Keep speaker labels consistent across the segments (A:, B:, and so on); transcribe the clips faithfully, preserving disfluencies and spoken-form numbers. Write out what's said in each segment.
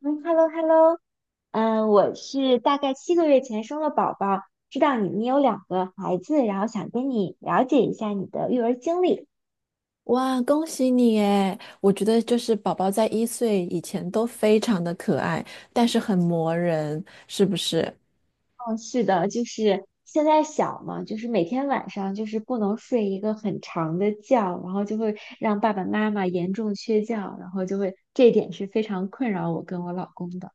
A: 嗯，hello，hello，嗯，我是大概七个月前生了宝宝，知道你你有两个孩子，然后想跟你了解一下你的育儿经历。
B: 哇，恭喜你诶，我觉得就是宝宝在一岁以前都非常的可爱，但是很磨人，是不是？
A: 哦，是的，就是现在小嘛，就是每天晚上就是不能睡一个很长的觉，然后就会让爸爸妈妈严重缺觉，然后就会这一点是非常困扰我跟我老公的。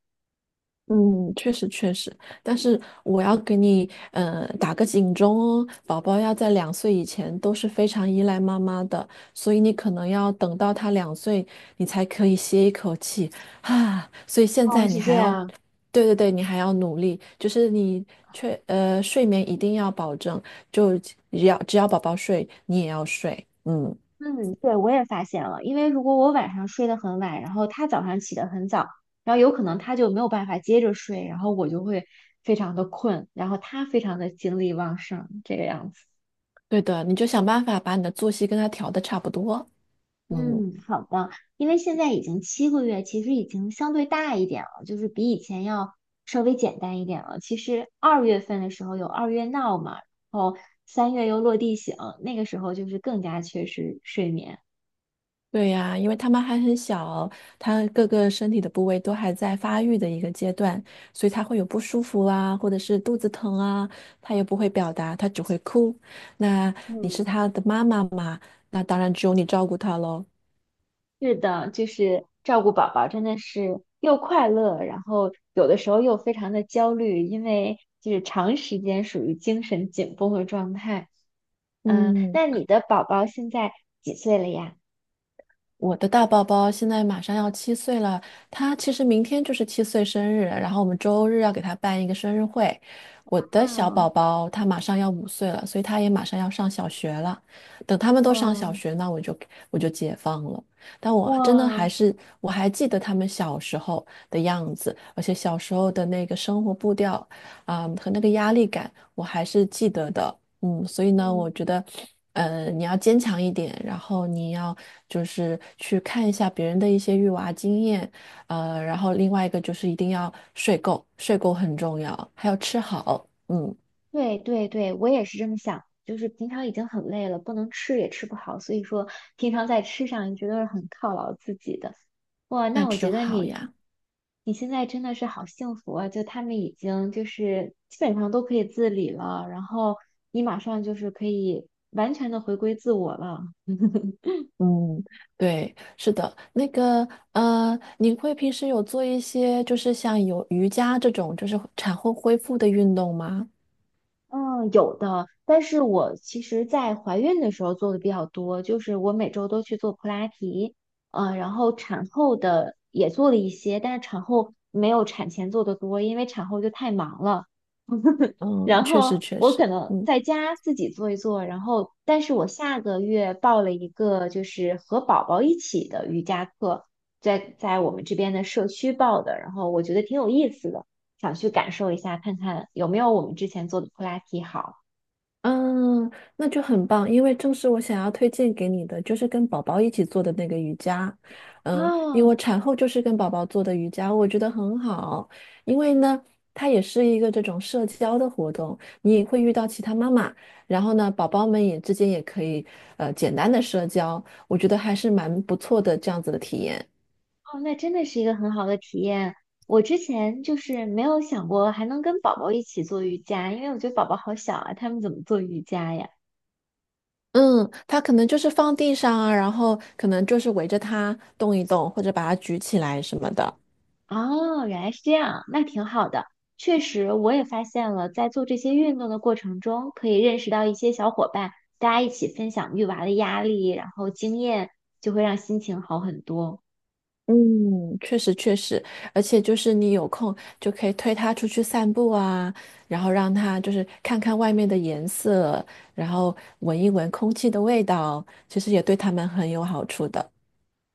B: 嗯，确实确实。但是我要给你嗯，打个警钟哦，宝宝要在两岁以前都是非常依赖妈妈的，所以你可能要等到他两岁，你才可以歇一口气啊。所以现
A: 哦，
B: 在你
A: 是这
B: 还要
A: 样。
B: 对对对，你还要努力，就是你确呃睡眠一定要保证，就只要只要宝宝睡，你也要睡，嗯，
A: 嗯，对，我也发现了，因为如果我晚上睡得很晚，然后他早上起得很早，然后有可能他就没有办法接着睡，然后我就会非常的困，然后他非常的精力旺盛，这个样子。
B: 对的，你就想办法把你的作息跟他调的差不多，嗯，
A: 嗯，好的，因为现在已经七个月，其实已经相对大一点了，就是比以前要稍微简单一点了。其实二月份的时候有二月闹嘛，然后三月又落地醒，那个时候就是更加缺失睡眠。
B: 对呀，因为他们还很小，他各个身体的部位都还在发育的一个阶段，所以他会有不舒服啊，或者是肚子疼啊，他也不会表达，他只会哭。那你
A: 嗯。
B: 是他的妈妈嘛？那当然只有你照顾他喽，
A: 是的，就是照顾宝宝真的是又快乐，然后有的时候又非常的焦虑，因为就是长时间属于精神紧绷的状态。嗯，
B: 嗯。
A: 那你的宝宝现在几岁了呀？
B: 我的大宝宝现在马上要七岁了，他其实明天就是七岁生日，然后我们周日要给他办一个生日会。我的
A: 啊，
B: 小
A: 哦
B: 宝宝他马上要五岁了，所以他也马上要上小学了。等他们
A: 哇
B: 都上小
A: 哦
B: 学，那我就我就解放了。但
A: 哇
B: 我真的还
A: 哦
B: 是我还记得他们小时候的样子，而且小时候的那个生活步调啊，和那个压力感，我还是记得的。嗯，所以呢，我
A: 嗯，
B: 觉得，呃，你要坚强一点，然后你要就是去看一下别人的一些育娃经验，呃，然后另外一个就是一定要睡够，睡够很重要，还要吃好，嗯，
A: 对对对，我也是这么想，就是平常已经很累了，不能吃也吃不好，所以说平常在吃上你觉得是很犒劳自己的。哇，
B: 那
A: 那我觉
B: 就
A: 得
B: 好
A: 你，
B: 呀。
A: 你现在真的是好幸福啊！就他们已经就是基本上都可以自理了，然后你马上就是可以完全的回归自我了。
B: 嗯，对，是的，那个，呃，你会平时有做一些就是像有瑜伽这种就是产后恢复的运动吗？
A: 嗯，有的，但是我其实，在怀孕的时候做的比较多，就是我每周都去做普拉提，呃，然后产后的也做了一些，但是产后没有产前做的多，因为产后就太忙了。
B: 嗯，
A: 然
B: 确实
A: 后
B: 确
A: 我可
B: 实，
A: 能
B: 嗯。
A: 在家自己做一做，然后，但是我下个月报了一个就是和宝宝一起的瑜伽课，在在我们这边的社区报的，然后我觉得挺有意思的，想去感受一下，看看有没有我们之前做的普拉提好。
B: 嗯，那就很棒，因为正是我想要推荐给你的，就是跟宝宝一起做的那个瑜伽。嗯，因为
A: 哦
B: 我产后就是跟宝宝做的瑜伽，我觉得很好，因为呢，它也是一个这种社交的活动，你也会遇到其他妈妈，然后呢，宝宝们也之间也可以呃简单的社交，我觉得还是蛮不错的这样子的体验。
A: 哦，那真的是一个很好的体验。我之前就是没有想过还能跟宝宝一起做瑜伽，因为我觉得宝宝好小啊，他们怎么做瑜伽呀？
B: 嗯，它可能就是放地上啊，然后可能就是围着它动一动，或者把它举起来什么的。
A: 哦，原来是这样，那挺好的。确实，我也发现了，在做这些运动的过程中，可以认识到一些小伙伴，大家一起分享育娃的压力，然后经验，就会让心情好很多。
B: 嗯，确实确实，而且就是你有空就可以推它出去散步啊，然后让它就是看看外面的颜色，然后闻一闻空气的味道，其实也对它们很有好处的。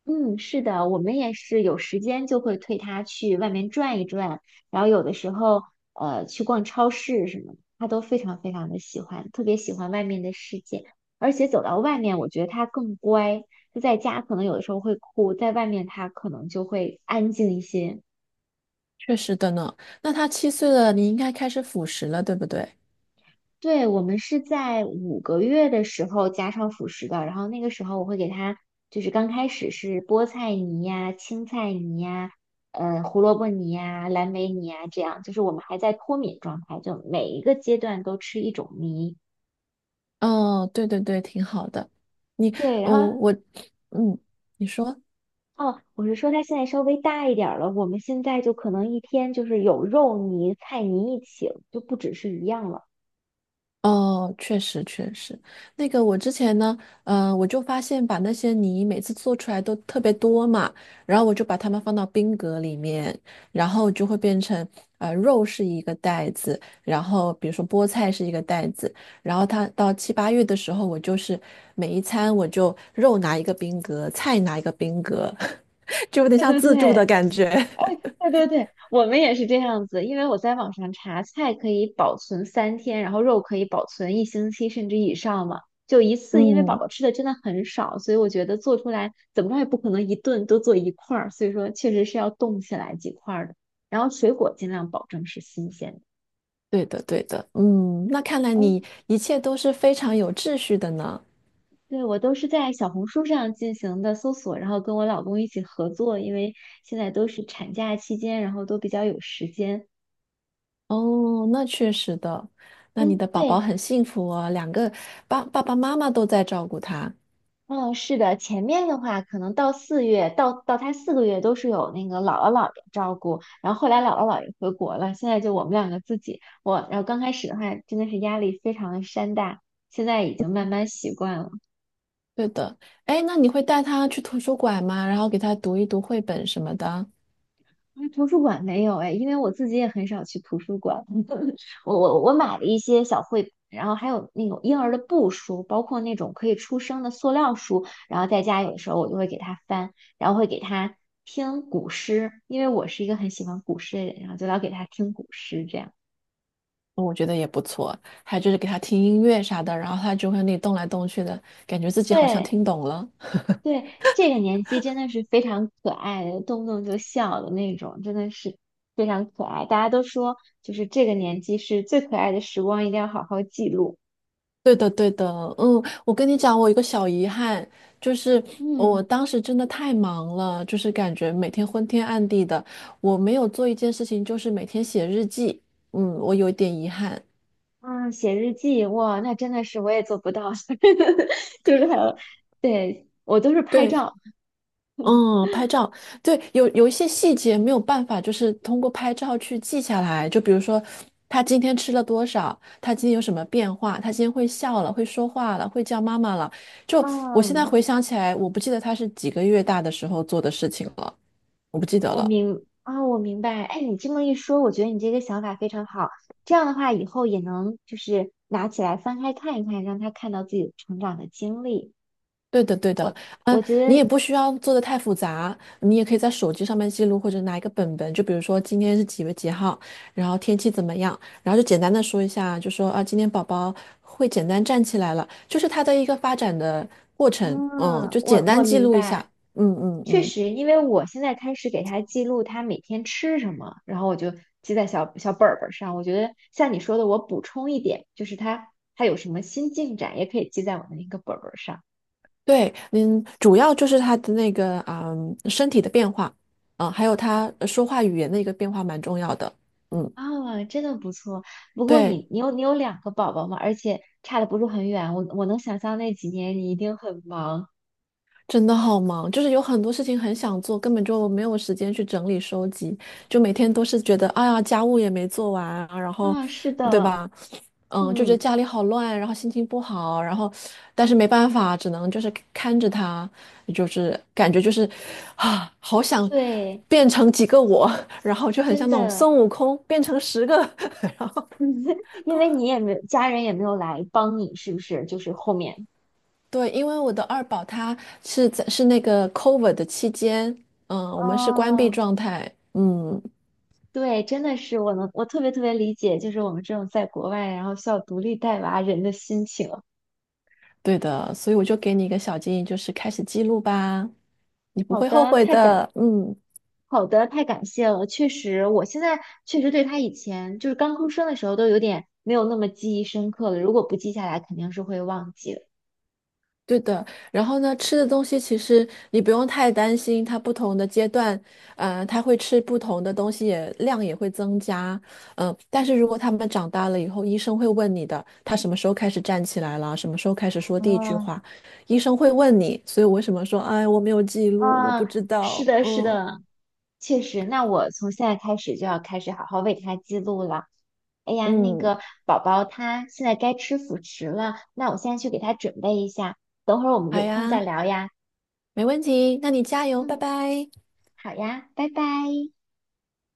A: 嗯，是的，我们也是有时间就会推他去外面转一转，然后有的时候呃去逛超市什么的他都非常非常的喜欢，特别喜欢外面的世界，而且走到外面，我觉得他更乖，就在家可能有的时候会哭，在外面他可能就会安静一些。
B: 确实的呢。那它七岁了，你应该开始辅食了，对不对？
A: 对，我们是在五个月的时候加上辅食的，然后那个时候我会给他，就是刚开始是菠菜泥呀、青菜泥呀、呃胡萝卜泥呀、蓝莓泥呀，这样就是我们还在脱敏状态，就每一个阶段都吃一种泥。
B: 哦，对对对，挺好的。你，
A: 对，然
B: 哦，
A: 后
B: 我，嗯，你说。
A: 哦，我是说他现在稍微大一点儿了，我们现在就可能一天就是有肉泥、菜泥一起了就不只是一样了。
B: 哦，确实确实，那个我之前呢，嗯，我就发现把那些泥每次做出来都特别多嘛，然后我就把它们放到冰格里面，然后就会变成，呃，肉是一个袋子，然后比如说菠菜是一个袋子，然后它到七八月的时候，我就是每一餐我就肉拿一个冰格，菜拿一个冰格，就有点
A: 对
B: 像
A: 对
B: 自助
A: 对，
B: 的感觉。
A: 对对对，我们也是这样子，因为我在网上查，菜可以保存三天，然后肉可以保存一星期甚至以上嘛。就一次，因为宝
B: 嗯，
A: 宝吃的真的很少，所以我觉得做出来怎么着也不可能一顿都做一块儿，所以说确实是要冻起来几块儿的。然后水果尽量保证是新鲜的。
B: 对的对的，嗯，那看来
A: 哦，
B: 你一切都是非常有秩序的呢。
A: 对，我都是在小红书上进行的搜索，然后跟我老公一起合作，因为现在都是产假期间，然后都比较有时间。
B: 哦，那确实的，那你
A: 嗯，
B: 的宝
A: 对，
B: 宝很幸福哦，两个爸爸爸妈妈都在照顾他。
A: 嗯，是的，前面的话可能到四月，到到他四个月都是有那个姥姥姥爷照顾，然后后来姥姥姥爷回国了，现在就我们两个自己，我，然后刚开始的话真的是压力非常的山大，现在已经慢慢习惯了。
B: 对的，哎，那你会带他去图书馆吗？然后给他读一读绘本什么的，
A: 那图书馆没有哎，因为我自己也很少去图书馆，我我我买了一些小绘本，然后还有那种婴儿的布书，包括那种可以出声的塑料书，然后在家有的时候我就会给他翻，然后会给他听古诗，因为我是一个很喜欢古诗的人，然后就老给他听古诗这样。
B: 我觉得也不错。还有就是给他听音乐啥的，然后他就会那里动来动去的，感觉自己好像
A: 对
B: 听懂了。
A: 对，这个年纪真的是非常可爱的，动不动就笑的那种，真的是非常可爱。大家都说，就是这个年纪是最可爱的时光，一定要好好记录。
B: 对的，对的，嗯，我跟你讲，我有一个小遗憾，就是
A: 嗯。
B: 我当时真的太忙了，就是感觉每天昏天暗地的，我没有做一件事情，就是每天写日记，嗯，我有一点遗憾。
A: 啊，写日记，哇，那真的是我也做不到，就是还有，对，我都是拍
B: 对。
A: 照。
B: 嗯，拍照，对，有有一些细节没有办法，就是通过拍照去记下来。就比如说，他今天吃了多少，他今天有什么变化，他今天会笑了，会说话了，会叫妈妈了。就我现在
A: 嗯，
B: 回想起来，我不记得他是几个月大的时候做的事情了，我不记得
A: 我
B: 了。
A: 明啊，我明白。哎，你这么一说，我觉得你这个想法非常好。这样的话，以后也能就是拿起来翻开看一看，让他看到自己成长的经历。
B: 对的，对的，
A: 我
B: 嗯，
A: 我觉
B: 你也
A: 得，
B: 不需要做的太复杂，你也可以在手机上面记录，或者拿一个本本，就比如说今天是几月几号，然后天气怎么样，然后就简单的说一下，就说啊，今天宝宝会简单站起来了，就是他的一个发展的过程，嗯，
A: 嗯，
B: 就简
A: 我
B: 单
A: 我
B: 记
A: 明
B: 录一下，
A: 白。
B: 嗯嗯
A: 确
B: 嗯，
A: 实，因为我现在开始给他记录他每天吃什么，然后我就记在小小本儿本儿上。我觉得像你说的，我补充一点，就是他他有什么新进展，也可以记在我的那个本儿本儿上。
B: 对，嗯，主要就是他的那个啊，身体的变化，啊，还有他呃说话语言的一个变化蛮重要的，嗯，
A: 啊，真的不错。不过
B: 对。
A: 你你有你有两个宝宝嘛，而且差的不是很远。我我能想象那几年你一定很忙。
B: 真的好忙，就是有很多事情很想做，根本就没有时间去整理收集，就每天都是觉得，哎呀，家务也没做完啊，然后，
A: 啊，是
B: 对
A: 的，
B: 吧？嗯，就觉得
A: 嗯，
B: 家里好乱，然后心情不好，然后，但是没办法，只能就是看着他，就是感觉就是，啊，好想
A: 对，
B: 变成几个我，然后就很
A: 真
B: 像那种孙
A: 的，
B: 悟空变成十个，然后
A: 因
B: 都。
A: 为你也没有家人也没有来帮你，是不是？就是后面。
B: 对，因为我的二宝他是在是那个 COVID 的期间，嗯，我们是关闭
A: 哦，
B: 状态，嗯，
A: 对，真的是我能，我特别特别理解，就是我们这种在国外，然后需要独立带娃人的心情。
B: 对的，所以我就给你一个小建议，就是开始记录吧，你不
A: 好
B: 会后
A: 的，
B: 悔
A: 太感，
B: 的，嗯。
A: 好的，太感谢了。确实，我现在确实对他以前就是刚出生的时候都有点没有那么记忆深刻了。如果不记下来，肯定是会忘记的。
B: 对的，然后呢，吃的东西其实你不用太担心，它不同的阶段，呃，它会吃不同的东西也，量也会增加，嗯、但是如果他们长大了以后，医生会问你的，他什么时候开始站起来了，什么时候开始说第一句
A: 哦，
B: 话，医生会问你，所以我为什么说，哎，我没有记录，我
A: 啊，
B: 不知
A: 是
B: 道，
A: 的，是
B: 嗯
A: 的，确实。那我从现在开始就要开始好好为他记录了。哎呀，那
B: 嗯，
A: 个宝宝他现在该吃辅食了，那我现在去给他准备一下，等会儿我们
B: 好
A: 有空再
B: 呀，
A: 聊呀。
B: 没问题，那你加油，拜
A: 嗯，
B: 拜。
A: 好呀，拜拜。